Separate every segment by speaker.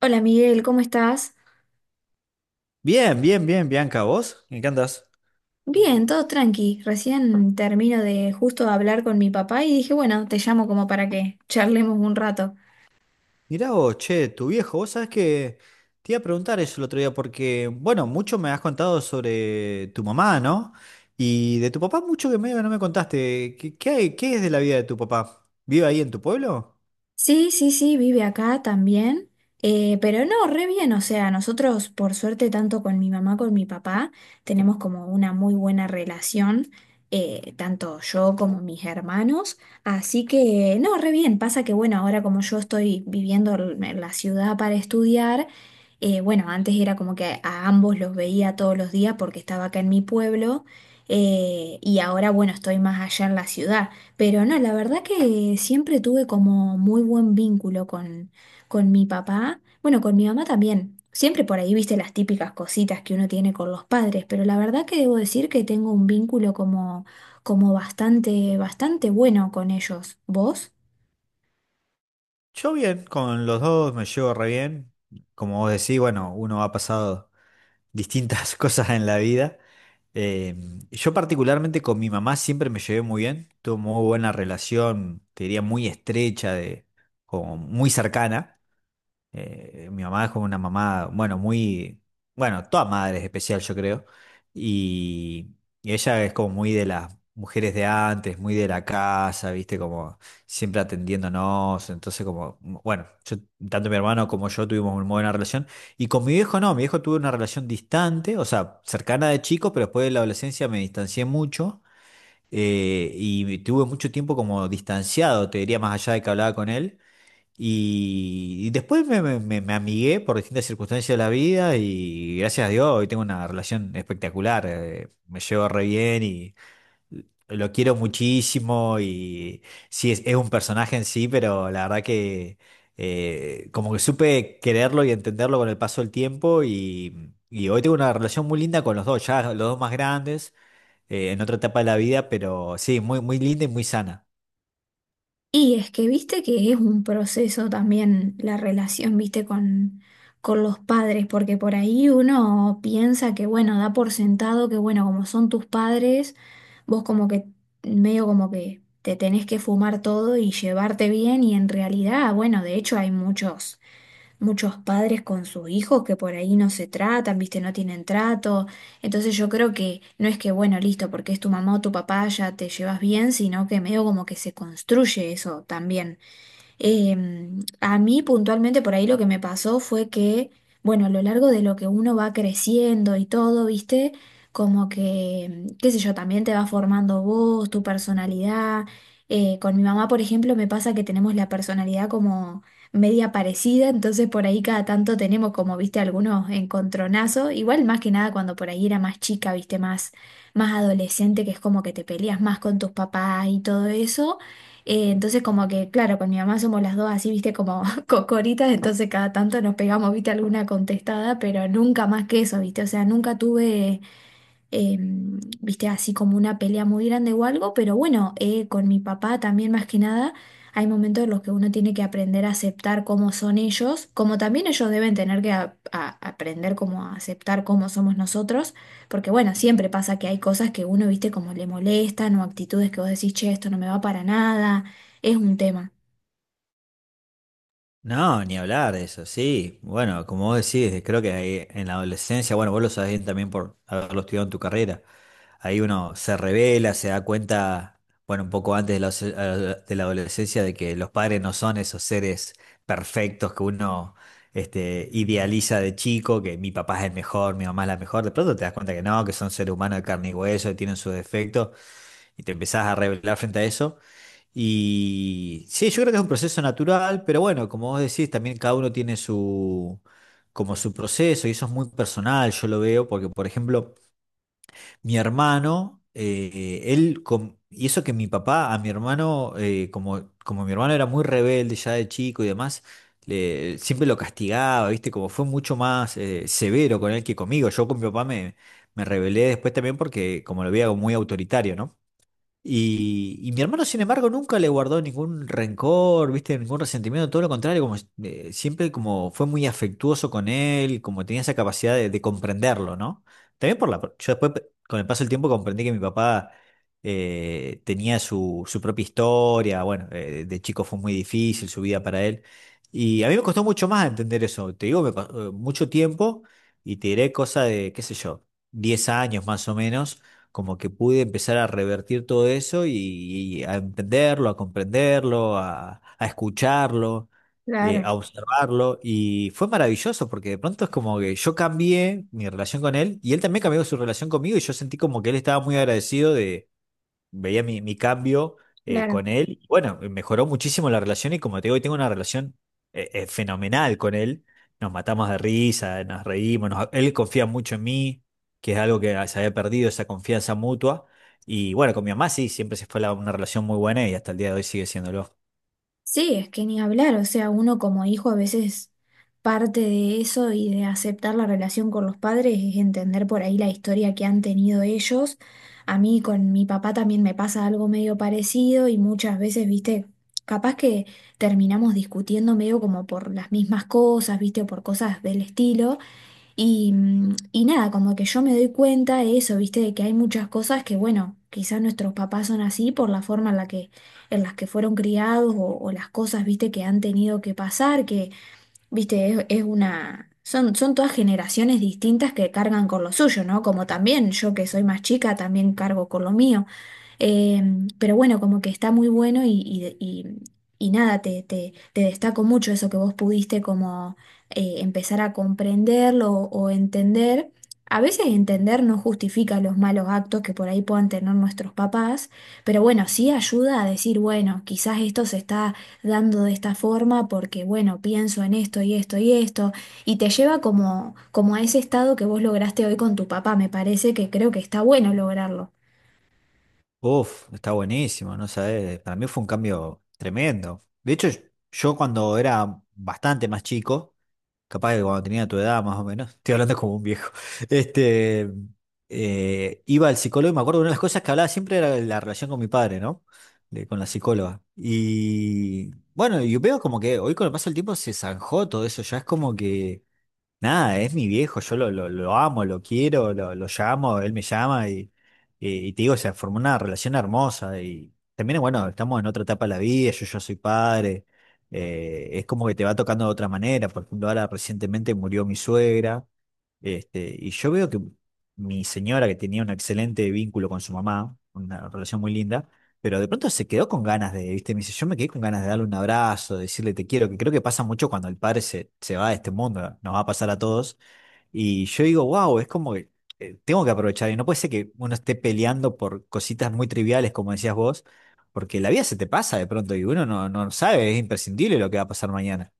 Speaker 1: Hola Miguel, ¿cómo estás?
Speaker 2: Bien, bien, bien, Bianca, ¿vos? ¿En qué andás?
Speaker 1: Bien, todo tranqui. Recién termino de justo hablar con mi papá y dije, bueno, te llamo como para que charlemos un rato.
Speaker 2: Mirá vos, che, tu viejo, vos sabés que te iba a preguntar eso el otro día porque, bueno, mucho me has contado sobre tu mamá, ¿no? Y de tu papá mucho que medio que no me contaste. ¿Qué es de la vida de tu papá? ¿Vive ahí en tu pueblo?
Speaker 1: Sí, sí, sí, vive acá también, pero no, re bien, o sea, nosotros por suerte tanto con mi mamá, con mi papá, tenemos como una muy buena relación, tanto yo como mis hermanos, así que no, re bien, pasa que bueno, ahora como yo estoy viviendo en la ciudad para estudiar, bueno, antes era como que a ambos los veía todos los días porque estaba acá en mi pueblo, y ahora bueno, estoy más allá en la ciudad. Pero no, la verdad que siempre tuve como muy buen vínculo con mi papá, bueno, con mi mamá también. Siempre por ahí viste las típicas cositas que uno tiene con los padres, pero la verdad que debo decir que tengo un vínculo como, como bastante, bastante bueno con ellos. ¿Vos?
Speaker 2: Yo bien, con los dos me llevo re bien. Como vos decís, bueno, uno ha pasado distintas cosas en la vida. Eh, yo particularmente con mi mamá siempre me llevé muy bien, tuve muy buena relación, te diría muy estrecha, como muy cercana. Mi mamá es como una mamá, bueno, bueno, toda madre es especial, yo creo. Y, y ella es como muy de las mujeres de antes, muy de la casa, viste, como siempre atendiéndonos. Entonces, como, bueno, tanto mi hermano como yo tuvimos una buena relación. Y con mi viejo no, mi viejo tuvo una relación distante, o sea, cercana de chico, pero después de la adolescencia me distancié mucho. Y tuve mucho tiempo como distanciado, te diría, más allá de que hablaba con él. Y después me amigué por distintas circunstancias de la vida y gracias a Dios hoy tengo una relación espectacular. Me llevo re bien y lo quiero muchísimo y sí, es un personaje en sí, pero la verdad que como que supe quererlo y entenderlo con el paso del tiempo y hoy tengo una relación muy linda con los dos, ya los dos más grandes, en otra etapa de la vida, pero sí, muy, muy linda y muy sana.
Speaker 1: Y es que viste que es un proceso también la relación, viste, con los padres, porque por ahí uno piensa que, bueno, da por sentado que, bueno, como son tus padres, vos como que, medio como que te tenés que fumar todo y llevarte bien, y en realidad, bueno, de hecho hay muchos padres con sus hijos que por ahí no se tratan, viste, no tienen trato. Entonces yo creo que no es que, bueno, listo, porque es tu mamá o tu papá, ya te llevas bien, sino que medio como que se construye eso también. A mí puntualmente por ahí lo que me pasó fue que, bueno, a lo largo de lo que uno va creciendo y todo, ¿viste? Como que, qué sé yo, también te va formando vos, tu personalidad. Con mi mamá, por ejemplo, me pasa que tenemos la personalidad como media parecida, entonces por ahí cada tanto tenemos como, viste, algunos encontronazos, igual más que nada cuando por ahí era más chica, viste, más, más adolescente, que es como que te peleas más con tus papás y todo eso. Entonces como que, claro, con mi mamá somos las dos así, viste, como cocoritas, entonces cada tanto nos pegamos, viste, alguna contestada, pero nunca más que eso, viste, o sea, nunca tuve eh, viste, así como una pelea muy grande o algo, pero bueno, con mi papá también más que nada, hay momentos en los que uno tiene que aprender a aceptar cómo son ellos, como también ellos deben tener que aprender cómo a aceptar cómo somos nosotros, porque bueno, siempre pasa que hay cosas que uno, viste, como le molestan o actitudes que vos decís, che, esto no me va para nada, es un tema.
Speaker 2: No, ni hablar de eso, sí. Bueno, como vos decís, creo que ahí en la adolescencia, bueno, vos lo sabés bien también por haberlo estudiado en tu carrera, ahí uno se revela, se da cuenta, bueno, un poco antes de la adolescencia, de que los padres no son esos seres perfectos que uno idealiza de chico, que mi papá es el mejor, mi mamá es la mejor, de pronto te das cuenta que no, que son seres humanos de carne y hueso, que tienen sus defectos, y te empezás a revelar frente a eso. Y sí, yo creo que es un proceso natural, pero bueno, como vos decís, también cada uno tiene su, como su proceso y eso es muy personal, yo lo veo, porque por ejemplo, mi hermano, y eso que mi papá a mi hermano, como mi hermano era muy rebelde ya de chico y demás, siempre lo castigaba, ¿viste? Como fue mucho más severo con él que conmigo. Yo con mi papá me rebelé después también porque como lo veía como muy autoritario, ¿no? Y mi hermano, sin embargo, nunca le guardó ningún rencor, ¿viste? Ningún resentimiento, todo lo contrario, como siempre como fue muy afectuoso con él, como tenía esa capacidad de comprenderlo, ¿no? También por la... Yo después, con el paso del tiempo, comprendí que mi papá tenía su propia historia, bueno, de chico fue muy difícil su vida para él, y a mí me costó mucho más entender eso, te digo, mucho tiempo, y te diré cosa de, qué sé yo, 10 años más o menos como que pude empezar a revertir todo eso y a entenderlo, a comprenderlo, a escucharlo,
Speaker 1: Claro,
Speaker 2: a observarlo. Y fue maravilloso porque de pronto es como que yo cambié mi relación con él y él también cambió su relación conmigo y yo sentí como que él estaba muy agradecido, veía mi cambio
Speaker 1: claro.
Speaker 2: con él. Y bueno, mejoró muchísimo la relación y como te digo, hoy tengo una relación fenomenal con él. Nos matamos de risa, nos reímos, él confía mucho en mí, que es algo que se había perdido, esa confianza mutua. Y bueno, con mi mamá sí, siempre se fue una relación muy buena y hasta el día de hoy sigue siéndolo.
Speaker 1: Sí, es que ni hablar, o sea, uno como hijo a veces parte de eso y de aceptar la relación con los padres es entender por ahí la historia que han tenido ellos. A mí con mi papá también me pasa algo medio parecido y muchas veces, viste, capaz que terminamos discutiendo medio como por las mismas cosas, viste, o por cosas del estilo. Y, y nada, como que yo me doy cuenta de eso, ¿viste? De que hay muchas cosas que, bueno, quizás nuestros papás son así por la forma en la que, en las que fueron criados o las cosas, ¿viste? Que han tenido que pasar, que, viste, es una... Son, son todas generaciones distintas que cargan con lo suyo, ¿no? Como también yo que soy más chica, también cargo con lo mío. Eh, pero bueno, como que está muy bueno y, y nada, te destaco mucho eso que vos pudiste como empezar a comprenderlo o entender. A veces entender no justifica los malos actos que por ahí puedan tener nuestros papás, pero bueno, sí ayuda a decir, bueno, quizás esto se está dando de esta forma porque, bueno, pienso en esto y esto y esto, y te lleva como, como a ese estado que vos lograste hoy con tu papá, me parece que creo que está bueno lograrlo.
Speaker 2: Uf, está buenísimo, no sabes, para mí fue un cambio tremendo. De hecho, yo cuando era bastante más chico, capaz que cuando tenía tu edad más o menos, estoy hablando como un viejo, este, iba al psicólogo y me acuerdo una de las cosas que hablaba siempre era de la relación con mi padre, ¿no? De- con la psicóloga. Y bueno, yo veo como que hoy con el paso del tiempo se zanjó todo eso, ya es como que... Nada, es mi viejo, yo lo amo, lo quiero, lo llamo, él me llama y te digo, se formó una relación hermosa y también, bueno, estamos en otra etapa de la vida, yo ya soy padre, es como que te va tocando de otra manera, por ejemplo, ahora recientemente murió mi suegra, y yo veo que mi señora, que tenía un excelente vínculo con su mamá, una relación muy linda, pero de pronto se quedó con ganas de, ¿viste? Me dice, yo me quedé con ganas de darle un abrazo, de decirle te quiero, que creo que pasa mucho cuando el padre se va de este mundo, nos va a pasar a todos. Y yo digo, wow, es como que tengo que aprovechar, y no puede ser que uno esté peleando por cositas muy triviales, como decías vos, porque la vida se te pasa de pronto y uno no, no sabe, es imprescindible lo que va a pasar mañana.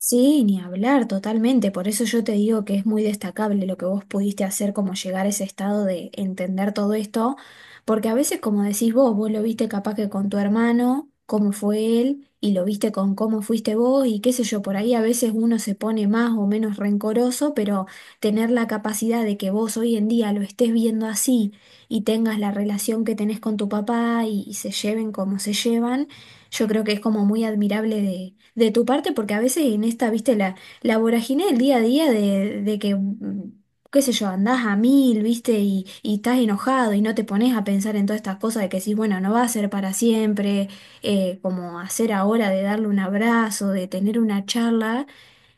Speaker 1: Sí, ni hablar totalmente, por eso yo te digo que es muy destacable lo que vos pudiste hacer, como llegar a ese estado de entender todo esto, porque a veces, como decís vos, vos lo viste capaz que con tu hermano, cómo fue él, y lo viste con cómo fuiste vos, y qué sé yo, por ahí a veces uno se pone más o menos rencoroso, pero tener la capacidad de que vos hoy en día lo estés viendo así y tengas la relación que tenés con tu papá y se lleven como se llevan. Yo creo que es como muy admirable de tu parte, porque a veces en esta, viste, la vorágine del día a día de que, qué sé yo, andás a mil, viste, y estás enojado y no te pones a pensar en todas estas cosas de que decís, bueno, no va a ser para siempre, como hacer ahora de darle un abrazo, de tener una charla,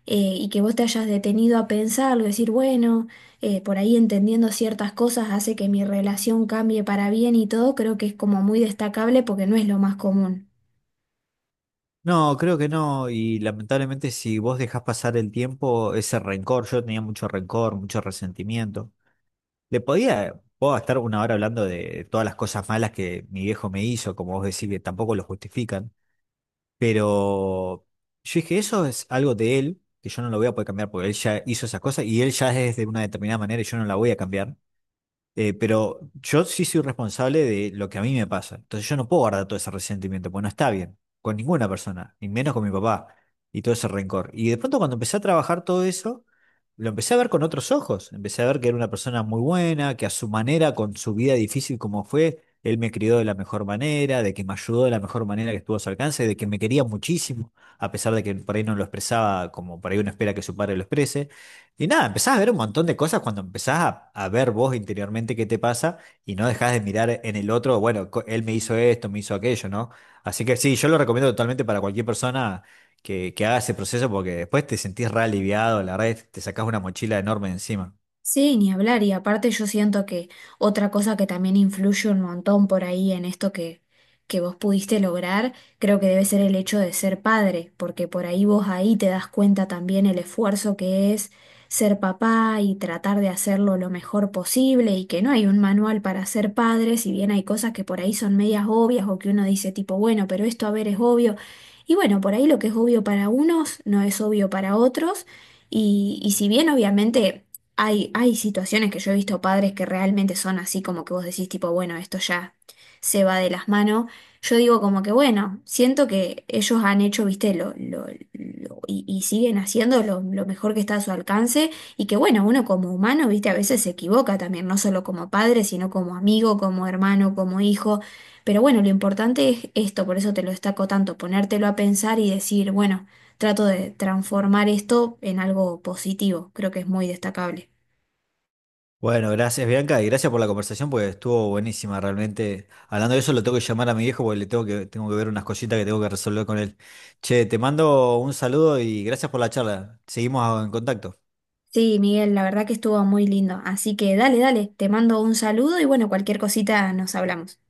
Speaker 1: y que vos te hayas detenido a pensarlo, decir, bueno, por ahí entendiendo ciertas cosas hace que mi relación cambie para bien y todo, creo que es como muy destacable porque no es lo más común.
Speaker 2: No, creo que no, y lamentablemente si vos dejás pasar el tiempo, ese rencor, yo tenía mucho rencor, mucho resentimiento. Le podía, puedo estar una hora hablando de todas las cosas malas que mi viejo me hizo, como vos decís, que tampoco lo justifican, pero yo dije, eso es algo de él, que yo no lo voy a poder cambiar porque él ya hizo esas cosas y él ya es de una determinada manera y yo no la voy a cambiar. Pero yo sí soy responsable de lo que a mí me pasa. Entonces yo no puedo guardar todo ese resentimiento, pues no está bien, con ninguna persona, ni menos con mi papá, y todo ese rencor. Y de pronto cuando empecé a trabajar todo eso, lo empecé a ver con otros ojos. Empecé a ver que era una persona muy buena, que a su manera, con su vida difícil como fue, él me crió de la mejor manera, de que me ayudó de la mejor manera que estuvo a su alcance, de que me quería muchísimo, a pesar de que por ahí no lo expresaba como por ahí uno espera que su padre lo exprese. Y nada, empezás a ver un montón de cosas cuando empezás a ver vos interiormente qué te pasa y no dejás de mirar en el otro, bueno, él me hizo esto, me hizo aquello, ¿no? Así que sí, yo lo recomiendo totalmente para cualquier persona que haga ese proceso porque después te sentís re aliviado, la verdad, es que te sacás una mochila enorme encima.
Speaker 1: Sí, ni hablar. Y aparte yo siento que otra cosa que también influye un montón por ahí en esto que vos pudiste lograr, creo que debe ser el hecho de ser padre, porque por ahí vos ahí te das cuenta también el esfuerzo que es ser papá y tratar de hacerlo lo mejor posible y que no hay un manual para ser padre, si bien hay cosas que por ahí son medias obvias o que uno dice tipo, bueno, pero esto a ver es obvio. Y bueno, por ahí lo que es obvio para unos no es obvio para otros. Y si bien obviamente... Hay situaciones que yo he visto padres que realmente son así como que vos decís tipo, bueno, esto ya se va de las manos. Yo digo como que bueno, siento que ellos han hecho, viste, y siguen haciendo lo mejor que está a su alcance y que bueno, uno como humano, viste, a veces se equivoca también, no solo como padre, sino como amigo, como hermano, como hijo. Pero bueno, lo importante es esto, por eso te lo destaco tanto, ponértelo a pensar y decir, bueno, trato de transformar esto en algo positivo, creo que es muy destacable.
Speaker 2: Bueno, gracias Bianca y gracias por la conversación porque estuvo buenísima realmente. Hablando de eso, lo tengo que llamar a mi viejo porque le tengo que ver unas cositas que tengo que resolver con él. Che, te mando un saludo y gracias por la charla. Seguimos en contacto.
Speaker 1: Sí, Miguel, la verdad que estuvo muy lindo. Así que dale, dale, te mando un saludo y bueno, cualquier cosita nos hablamos.